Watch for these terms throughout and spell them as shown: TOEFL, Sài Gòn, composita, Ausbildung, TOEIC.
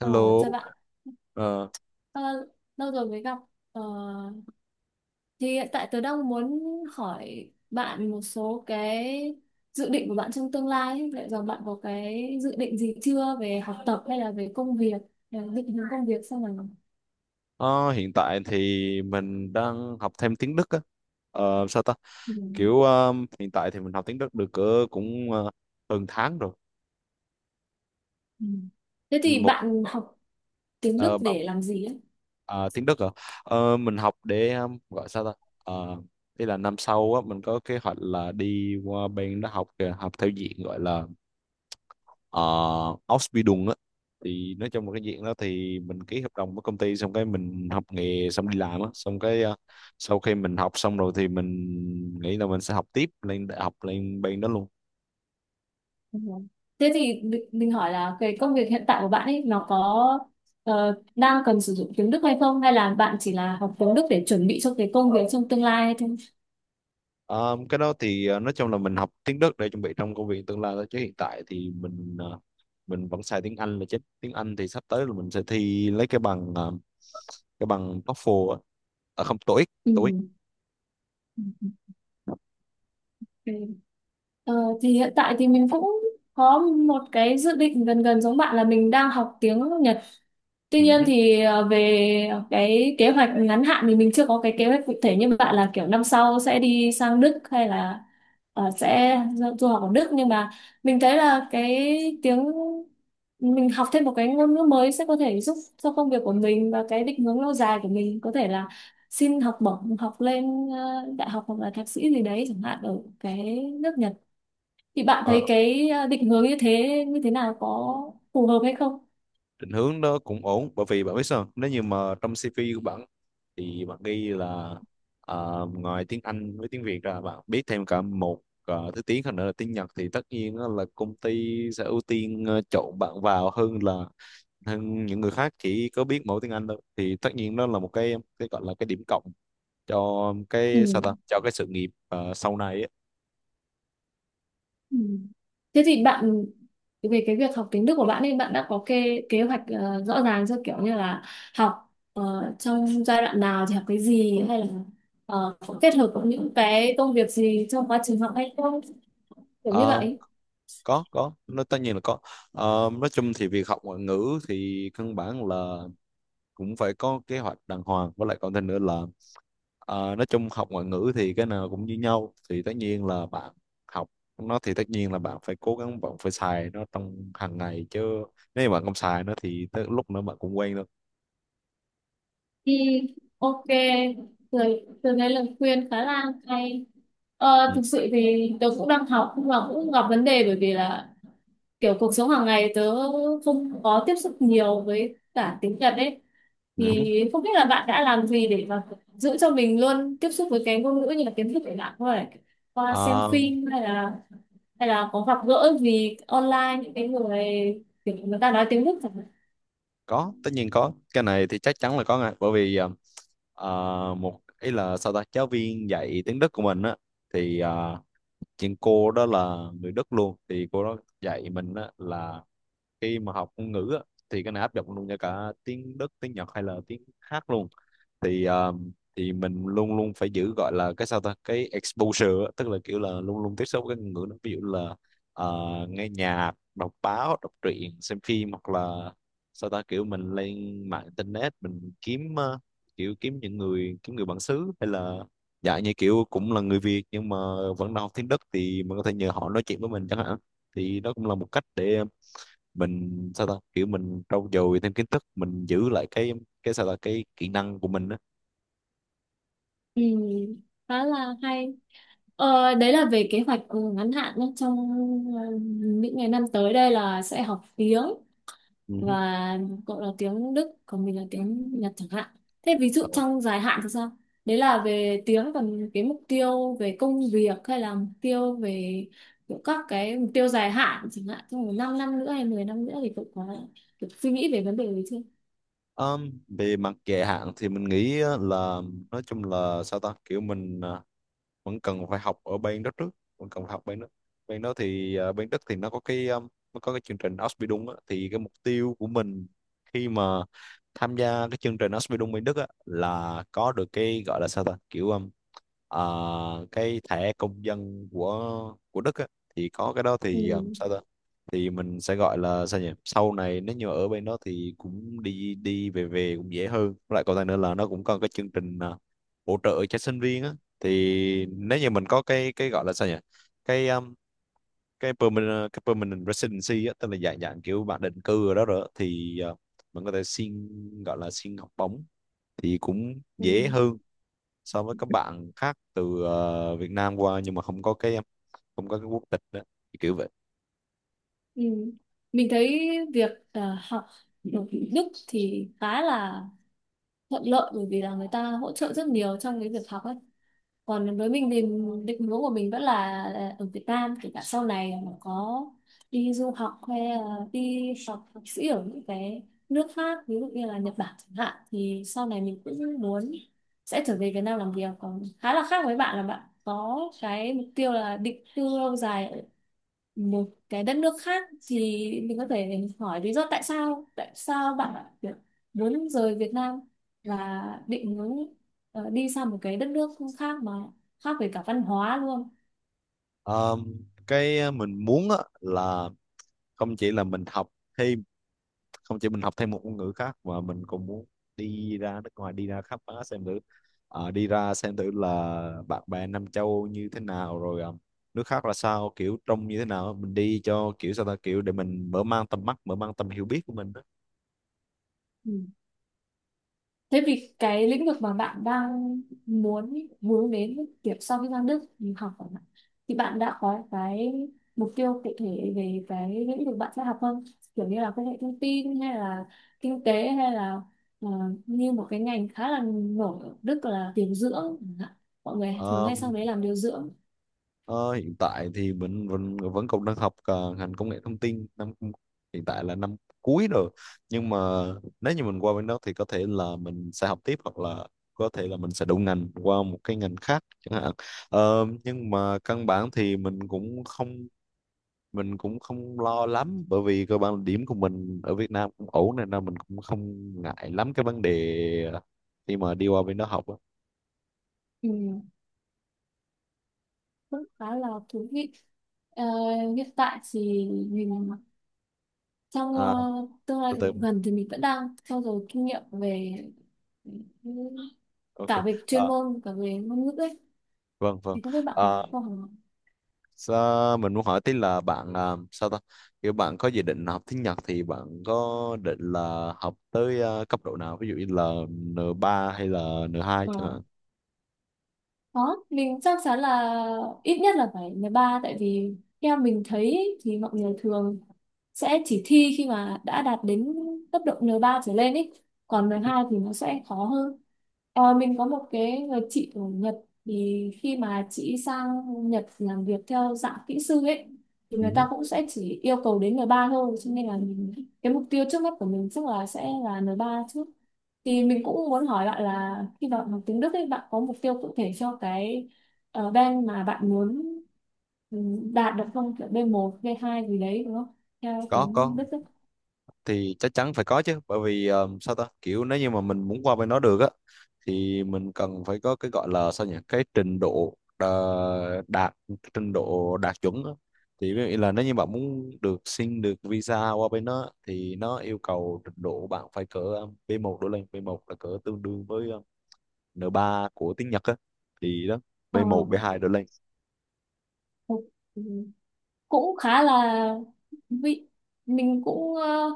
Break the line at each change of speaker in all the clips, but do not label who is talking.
Ờ, chào
Hello,
bạn.
ờ,
Ờ, lâu rồi mới gặp. Ờ, thì hiện tại tớ đang muốn hỏi bạn một số cái dự định của bạn trong tương lai ấy. Liệu rằng bạn có cái dự định gì chưa về học tập hay là về công việc, là định hướng công việc sau này?
ờ, hiện tại thì mình đang học thêm tiếng Đức á. Sao ta?
Ừ.
Kiểu hiện tại thì mình học tiếng Đức được cỡ cũng hơn tháng rồi.
Ừ. Thế thì
Một
bạn học tiếng Đức
ờ, bằng-
để làm gì ấy?
ờ, Tiếng Đức rồi. Mình học để gọi sao ta? Ờ, Ý là năm sau á mình có kế hoạch là đi qua bên đó học theo diện gọi là Ausbildung á, thì nói chung là cái diện đó thì mình ký hợp đồng với công ty xong cái mình học nghề xong đi làm á, xong cái sau khi mình học xong rồi thì mình nghĩ là mình sẽ học tiếp lên đại học lên bên đó luôn.
Ừ. Thế thì mình hỏi là cái công việc hiện tại của bạn ấy nó có đang cần sử dụng tiếng Đức hay không? Hay là bạn chỉ là học tiếng Đức để chuẩn bị cho cái công việc trong tương lai thôi?
Ờ, cái đó thì nói chung là mình học tiếng Đức để chuẩn bị trong công việc tương lai thôi, chứ hiện tại thì mình vẫn xài tiếng Anh là chính. Tiếng Anh thì sắp tới là mình sẽ thi lấy cái bằng TOEFL á. À, không, TOEIC.
Ừ.
TOEIC.
Ok. Ờ, thì hiện tại thì mình cũng có một cái dự định gần gần giống bạn, là mình đang học tiếng Nhật. Tuy nhiên thì về cái kế hoạch ngắn hạn thì mình chưa có cái kế hoạch cụ thể như bạn là kiểu năm sau sẽ đi sang Đức, hay là sẽ du du học ở Đức, nhưng mà mình thấy là cái tiếng mình học thêm một cái ngôn ngữ mới sẽ có thể giúp cho công việc của mình, và cái định hướng lâu dài của mình có thể là xin học bổng học lên đại học hoặc là thạc sĩ gì đấy chẳng hạn ở cái nước Nhật. Thì bạn thấy
Ừ.
cái định hướng như thế nào, có phù hợp hay không?
Định hướng đó cũng ổn, bởi vì bạn biết sao, nếu như mà trong CV của bạn thì bạn ghi là ngoài tiếng Anh với tiếng Việt ra bạn biết thêm cả một thứ tiếng khác nữa là tiếng Nhật thì tất nhiên á là công ty sẽ ưu tiên chọn bạn vào hơn là hơn những người khác chỉ có biết mỗi tiếng Anh thôi, thì tất nhiên đó là một cái gọi là cái điểm cộng cho
Ừ.
cái sao ta, cho cái sự nghiệp sau này á.
Ừ. Thế thì bạn, về cái việc học tiếng Đức của bạn ấy, bạn đã có kế kế hoạch rõ ràng chưa, kiểu như là học trong giai đoạn nào thì học cái gì, hay là có kết hợp với những cái công việc gì trong quá trình học hay không, kiểu như
Ờ,
vậy?
có nó tất nhiên là có. Nói chung thì việc học ngoại ngữ thì căn bản là cũng phải có kế hoạch đàng hoàng, với lại còn thêm nữa là nói chung học ngoại ngữ thì cái nào cũng như nhau, thì tất nhiên là bạn học nó thì tất nhiên là bạn phải cố gắng, bạn phải xài nó trong hàng ngày, chứ nếu mà bạn không xài nó thì tới lúc nữa bạn cũng quen thôi.
Thì ok rồi, từ cái lời khuyên khá là hay. Ờ,
Ừ.
thực sự thì tớ cũng đang học nhưng mà cũng gặp vấn đề, bởi vì là kiểu cuộc sống hàng ngày tớ không có tiếp xúc nhiều với cả tiếng Nhật ấy,
Ừ.
thì không biết là bạn đã làm gì để mà giữ cho mình luôn tiếp xúc với cái ngôn ngữ như là kiến thức, để bạn có thể qua xem
À,
phim, hay là có gặp gỡ gì online những cái người kiểu người ta nói tiếng Đức chẳng hạn?
có tất nhiên có, cái này thì chắc chắn là có ngay, bởi vì à, một ý là sao ta, giáo viên dạy tiếng Đức của mình á, thì chuyện cô đó là người Đức luôn, thì cô đó dạy mình á là khi mà học ngôn ngữ á, thì cái này áp dụng luôn cho cả tiếng Đức tiếng Nhật hay là tiếng hát luôn, thì mình luôn luôn phải giữ gọi là cái sao ta, cái exposure á, tức là kiểu là luôn luôn tiếp xúc với ngôn ngữ đó. Ví dụ là ờ, nghe nhạc, đọc báo, đọc truyện, xem phim, hoặc là sao ta, kiểu mình lên mạng internet mình kiếm kiểu kiếm những người, kiếm người bản xứ hay là dạ như kiểu cũng là người Việt nhưng mà vẫn đang học tiếng Đức thì mình có thể nhờ họ nói chuyện với mình chẳng hạn. Thì đó cũng là một cách để mình sao ta, kiểu mình trau dồi thêm kiến thức, mình giữ lại cái sao ta, cái kỹ năng của mình đó.
Ừ, khá là hay. Đấy là về kế hoạch ngắn hạn nhé, trong ờ, những ngày năm tới đây là sẽ học tiếng,
Ừ.
và cậu là tiếng Đức còn mình là tiếng Nhật chẳng hạn. Thế ví dụ
Ờ.
trong dài hạn thì sao? Đấy là về tiếng, còn cái mục tiêu về công việc, hay là mục tiêu về kiểu các cái mục tiêu dài hạn chẳng hạn, trong một năm năm nữa hay 10 năm nữa thì cậu có được suy nghĩ về vấn đề đấy chưa?
Ờ, Về mặt dài hạn thì mình nghĩ á là nói chung là sao ta, kiểu mình vẫn cần phải học ở bên đó trước, vẫn cần phải học bên đó. Bên đó thì bên Đức thì nó có cái chương trình Ausbildung á, thì cái mục tiêu của mình khi mà tham gia cái chương trình Ausbildung bên Đức á là có được cái gọi là sao ta, kiểu à, cái thẻ công dân của Đức á, thì có cái đó thì
Ừ.
sao ta, thì mình sẽ gọi là sao nhỉ, sau này nếu như ở bên đó thì cũng đi đi về về cũng dễ hơn. Với lại còn lại nữa là nó cũng có cái chương trình hỗ trợ cho sinh viên á, thì nếu như mình có cái gọi là sao nhỉ, cái um, cái cái permanent residency á, tức là dạng dạng kiểu bạn định cư ở đó rồi á, thì mình có thể xin gọi là xin học bổng thì cũng
Ừ.
dễ hơn so với các bạn khác từ Việt Nam qua nhưng mà không có cái quốc tịch đó, thì kiểu vậy.
Ừ. Mình thấy việc học ở Đức thì khá là thuận lợi, bởi vì là người ta hỗ trợ rất nhiều trong cái việc học ấy. Còn với mình thì định hướng của mình vẫn là ở Việt Nam, kể cả sau này mà có đi du học hay là đi học thạc sĩ ở những cái nước khác, ví dụ như là Nhật Bản chẳng hạn, thì sau này mình cũng muốn sẽ trở về Việt Nam làm việc. Còn khá là khác với bạn, là bạn có cái mục tiêu là định cư lâu dài một cái đất nước khác. Thì mình có thể hỏi lý do, tại sao bạn lại kiểu muốn rời Việt Nam và định muốn đi sang một cái đất nước khác, mà khác về cả văn hóa luôn?
um, cái mình muốn á, là không chỉ là mình học thêm không chỉ mình học thêm một ngôn ngữ khác mà mình cũng muốn đi ra nước ngoài đi ra khám phá xem thử. Đi ra xem thử là bạn bè Nam Châu như thế nào, rồi nước khác là sao, kiểu trông như thế nào, mình đi cho kiểu sao ta, kiểu để mình mở mang tầm mắt mở mang tầm hiểu biết của mình đó.
Ừ. Thế vì cái lĩnh vực mà bạn đang muốn muốn đến, kiểu sau khi sang Đức học của bạn, thì bạn đã có cái mục tiêu cụ thể về cái lĩnh vực bạn sẽ học không? Kiểu như là công nghệ thông tin, hay là kinh tế, hay là ờ, như một cái ngành khá là nổi ở Đức là điều dưỡng chẳng hạn. Mọi người thường
Ờ,
hay sang đấy làm điều dưỡng.
Ờ, Hiện tại thì mình vẫn vẫn còn đang học ngành công nghệ thông tin năm, hiện tại là năm cuối rồi, nhưng mà nếu như mình qua bên đó thì có thể là mình sẽ học tiếp hoặc là có thể là mình sẽ đổi ngành qua một cái ngành khác chẳng hạn. Nhưng mà căn bản thì mình cũng không lo lắm, bởi vì cơ bản là điểm của mình ở Việt Nam cũng ổn nên là mình cũng không ngại lắm cái vấn đề khi mà đi qua bên đó học á.
Ừ, cũng khá là thú vị. Ờ, hiện tại thì mình, trong
à,
tương lai
Từ từ.
gần thì mình vẫn đang trau dồi kinh nghiệm, về
Ok.
cả về chuyên
Ờ,
môn, cả về ngôn ngữ ấy.
vâng vâng.
Thì không biết bạn có
Ờ,
có học
Mình muốn hỏi tí là bạn à, sao ta kiểu bạn có dự định học tiếng Nhật thì bạn có định là học tới cấp độ nào, ví dụ như là N3 hay là N2 chẳng
ờ,
hạn.
Đó, mình chắc chắn là ít nhất là phải 13, tại vì theo mình thấy thì mọi người thường sẽ chỉ thi khi mà đã đạt đến cấp độ N3 trở lên ý. Còn N2 thì nó sẽ khó hơn. Mình có một cái người chị ở Nhật, thì khi mà chị sang Nhật làm việc theo dạng kỹ sư ấy thì người
Ừ.
ta cũng sẽ chỉ yêu cầu đến N3 thôi, cho nên là mình, cái mục tiêu trước mắt của mình chắc là sẽ là N3 trước. Thì mình cũng muốn hỏi bạn là khi bạn học tiếng Đức ấy, bạn có mục tiêu cụ thể cho cái bên mà bạn muốn ừ, đạt được không? Kiểu B1, B2 gì đấy đúng không? Theo
Có
tiếng
có
Đức ấy.
thì chắc chắn phải có chứ, bởi vì sao ta, kiểu nếu như mà mình muốn qua bên đó được á thì mình cần phải có cái gọi là sao nhỉ, cái trình độ đạt chuẩn á. Thì ví dụ như là nếu như bạn muốn được xin được visa qua bên đó thì nó yêu cầu trình độ bạn phải cỡ B1 đổ lên. B1 là cỡ tương đương với N3 của tiếng Nhật á, thì đó,
Ờ,
B1 B2 đổ lên.
ok. Ừ, cũng khá là vị. Mình cũng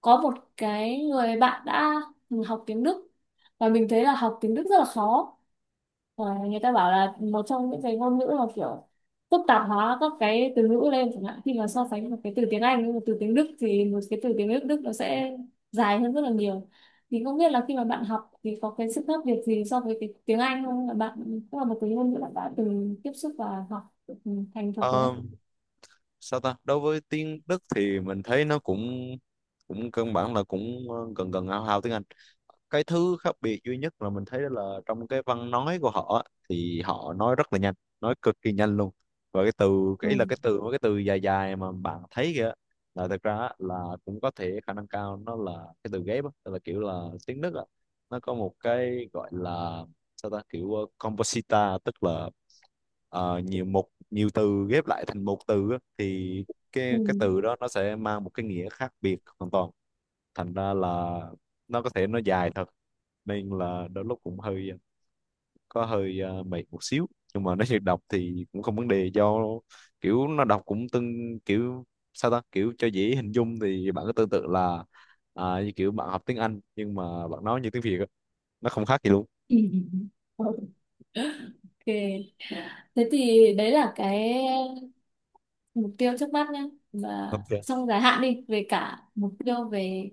có một cái người bạn đã học tiếng Đức, và mình thấy là học tiếng Đức rất là khó. Rồi, người ta bảo là một trong những cái ngôn ngữ mà kiểu phức tạp hóa các cái từ ngữ lên, chẳng hạn khi mà so sánh một cái từ tiếng Anh với một từ tiếng Đức thì một cái từ tiếng Đức Đức nó sẽ dài hơn rất là nhiều. Thì không biết là khi mà bạn học thì có cái sự khác biệt gì so với cái tiếng Anh không, là bạn cũng là một cái ngôn ngữ bạn đã từng tiếp xúc và học thành thục đấy?
Ờ, Sao ta, đối với tiếng Đức thì mình thấy nó cũng cũng căn bản là cũng gần gần hao hao tiếng Anh. Cái thứ khác biệt duy nhất là mình thấy đó là trong cái văn nói của họ á, thì họ nói rất là nhanh, nói cực kỳ nhanh luôn, và cái ý là cái
Ừ.
từ mấy cái từ dài dài mà bạn thấy kìa là thực ra á, là cũng có thể khả năng cao nó là cái từ ghép á, tức là kiểu là tiếng Đức á nó có một cái gọi là sao ta, kiểu composita, tức là nhiều mục nhiều từ ghép lại thành một từ á, thì
Ừ.
cái từ đó nó sẽ mang một cái nghĩa khác biệt hoàn toàn, thành ra là nó có thể nó dài thật, nên là đôi lúc cũng hơi có hơi mệt một xíu, nhưng mà nói thiệt đọc thì cũng không vấn đề, do kiểu nó đọc cũng kiểu sao ta, kiểu cho dễ hình dung thì bạn cứ tương tự là như kiểu bạn học tiếng Anh nhưng mà bạn nói như tiếng Việt á, nó không khác gì luôn.
Ừ. Ok, thế thì đấy là cái mục tiêu trước mắt nhé, và
Ok.
trong dài hạn đi về cả mục tiêu về,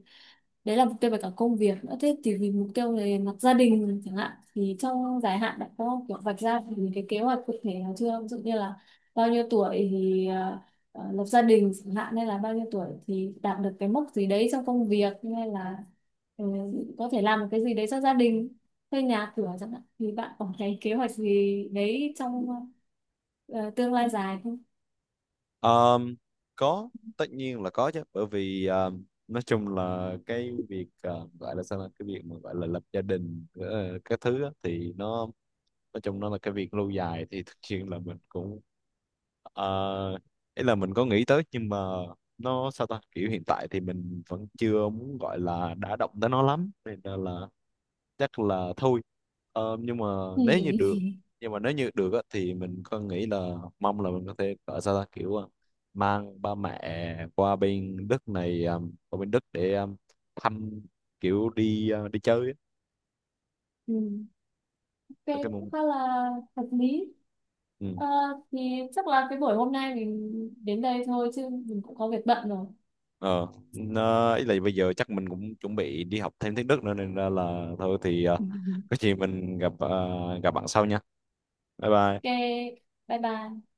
đấy là mục tiêu về cả công việc nữa. Thế thì vì mục tiêu về mặt gia đình chẳng hạn, thì trong dài hạn bạn có kiểu vạch ra những cái kế hoạch cụ thể nào chưa, ví dụ như là bao nhiêu tuổi thì lập gia đình chẳng hạn, hay là bao nhiêu tuổi thì đạt được cái mốc gì đấy trong công việc, hay là ờ, có thể làm một cái gì đấy cho gia đình, thuê nhà cửa chẳng hạn, thì bạn có cái kế hoạch gì đấy trong ờ, tương lai dài không?
Ờm, có tất nhiên là có chứ, bởi vì nói chung là cái việc gọi là sao, là cái việc mà gọi là lập gia đình các thứ á, thì nó nói chung nó là cái việc lâu dài, thì thực sự là mình cũng uh, ý là mình có nghĩ tới, nhưng mà nó sao ta, kiểu hiện tại thì mình vẫn chưa muốn gọi là đã động tới nó lắm nên là chắc là thôi. Nhưng mà
Ừ.
nếu như được nếu như được á, thì mình có nghĩ là mong là mình có thể ở sao ta kiểu ờ, mang ba mẹ qua bên Đức để thăm, kiểu đi chơi á.
Ừ,
Ở
cái
cái
cũng
mong
khá là hợp lý.
ừ.
Ờ, thì chắc là cái buổi hôm nay mình đến đây thôi, chứ mình cũng có việc bận rồi.
ờ nó ý là bây giờ chắc mình cũng chuẩn bị đi học thêm tiếng Đức nữa, nên ra là thôi thì có gì mình gặp bạn sau nha, bye
Ok,
bye.
bye bye.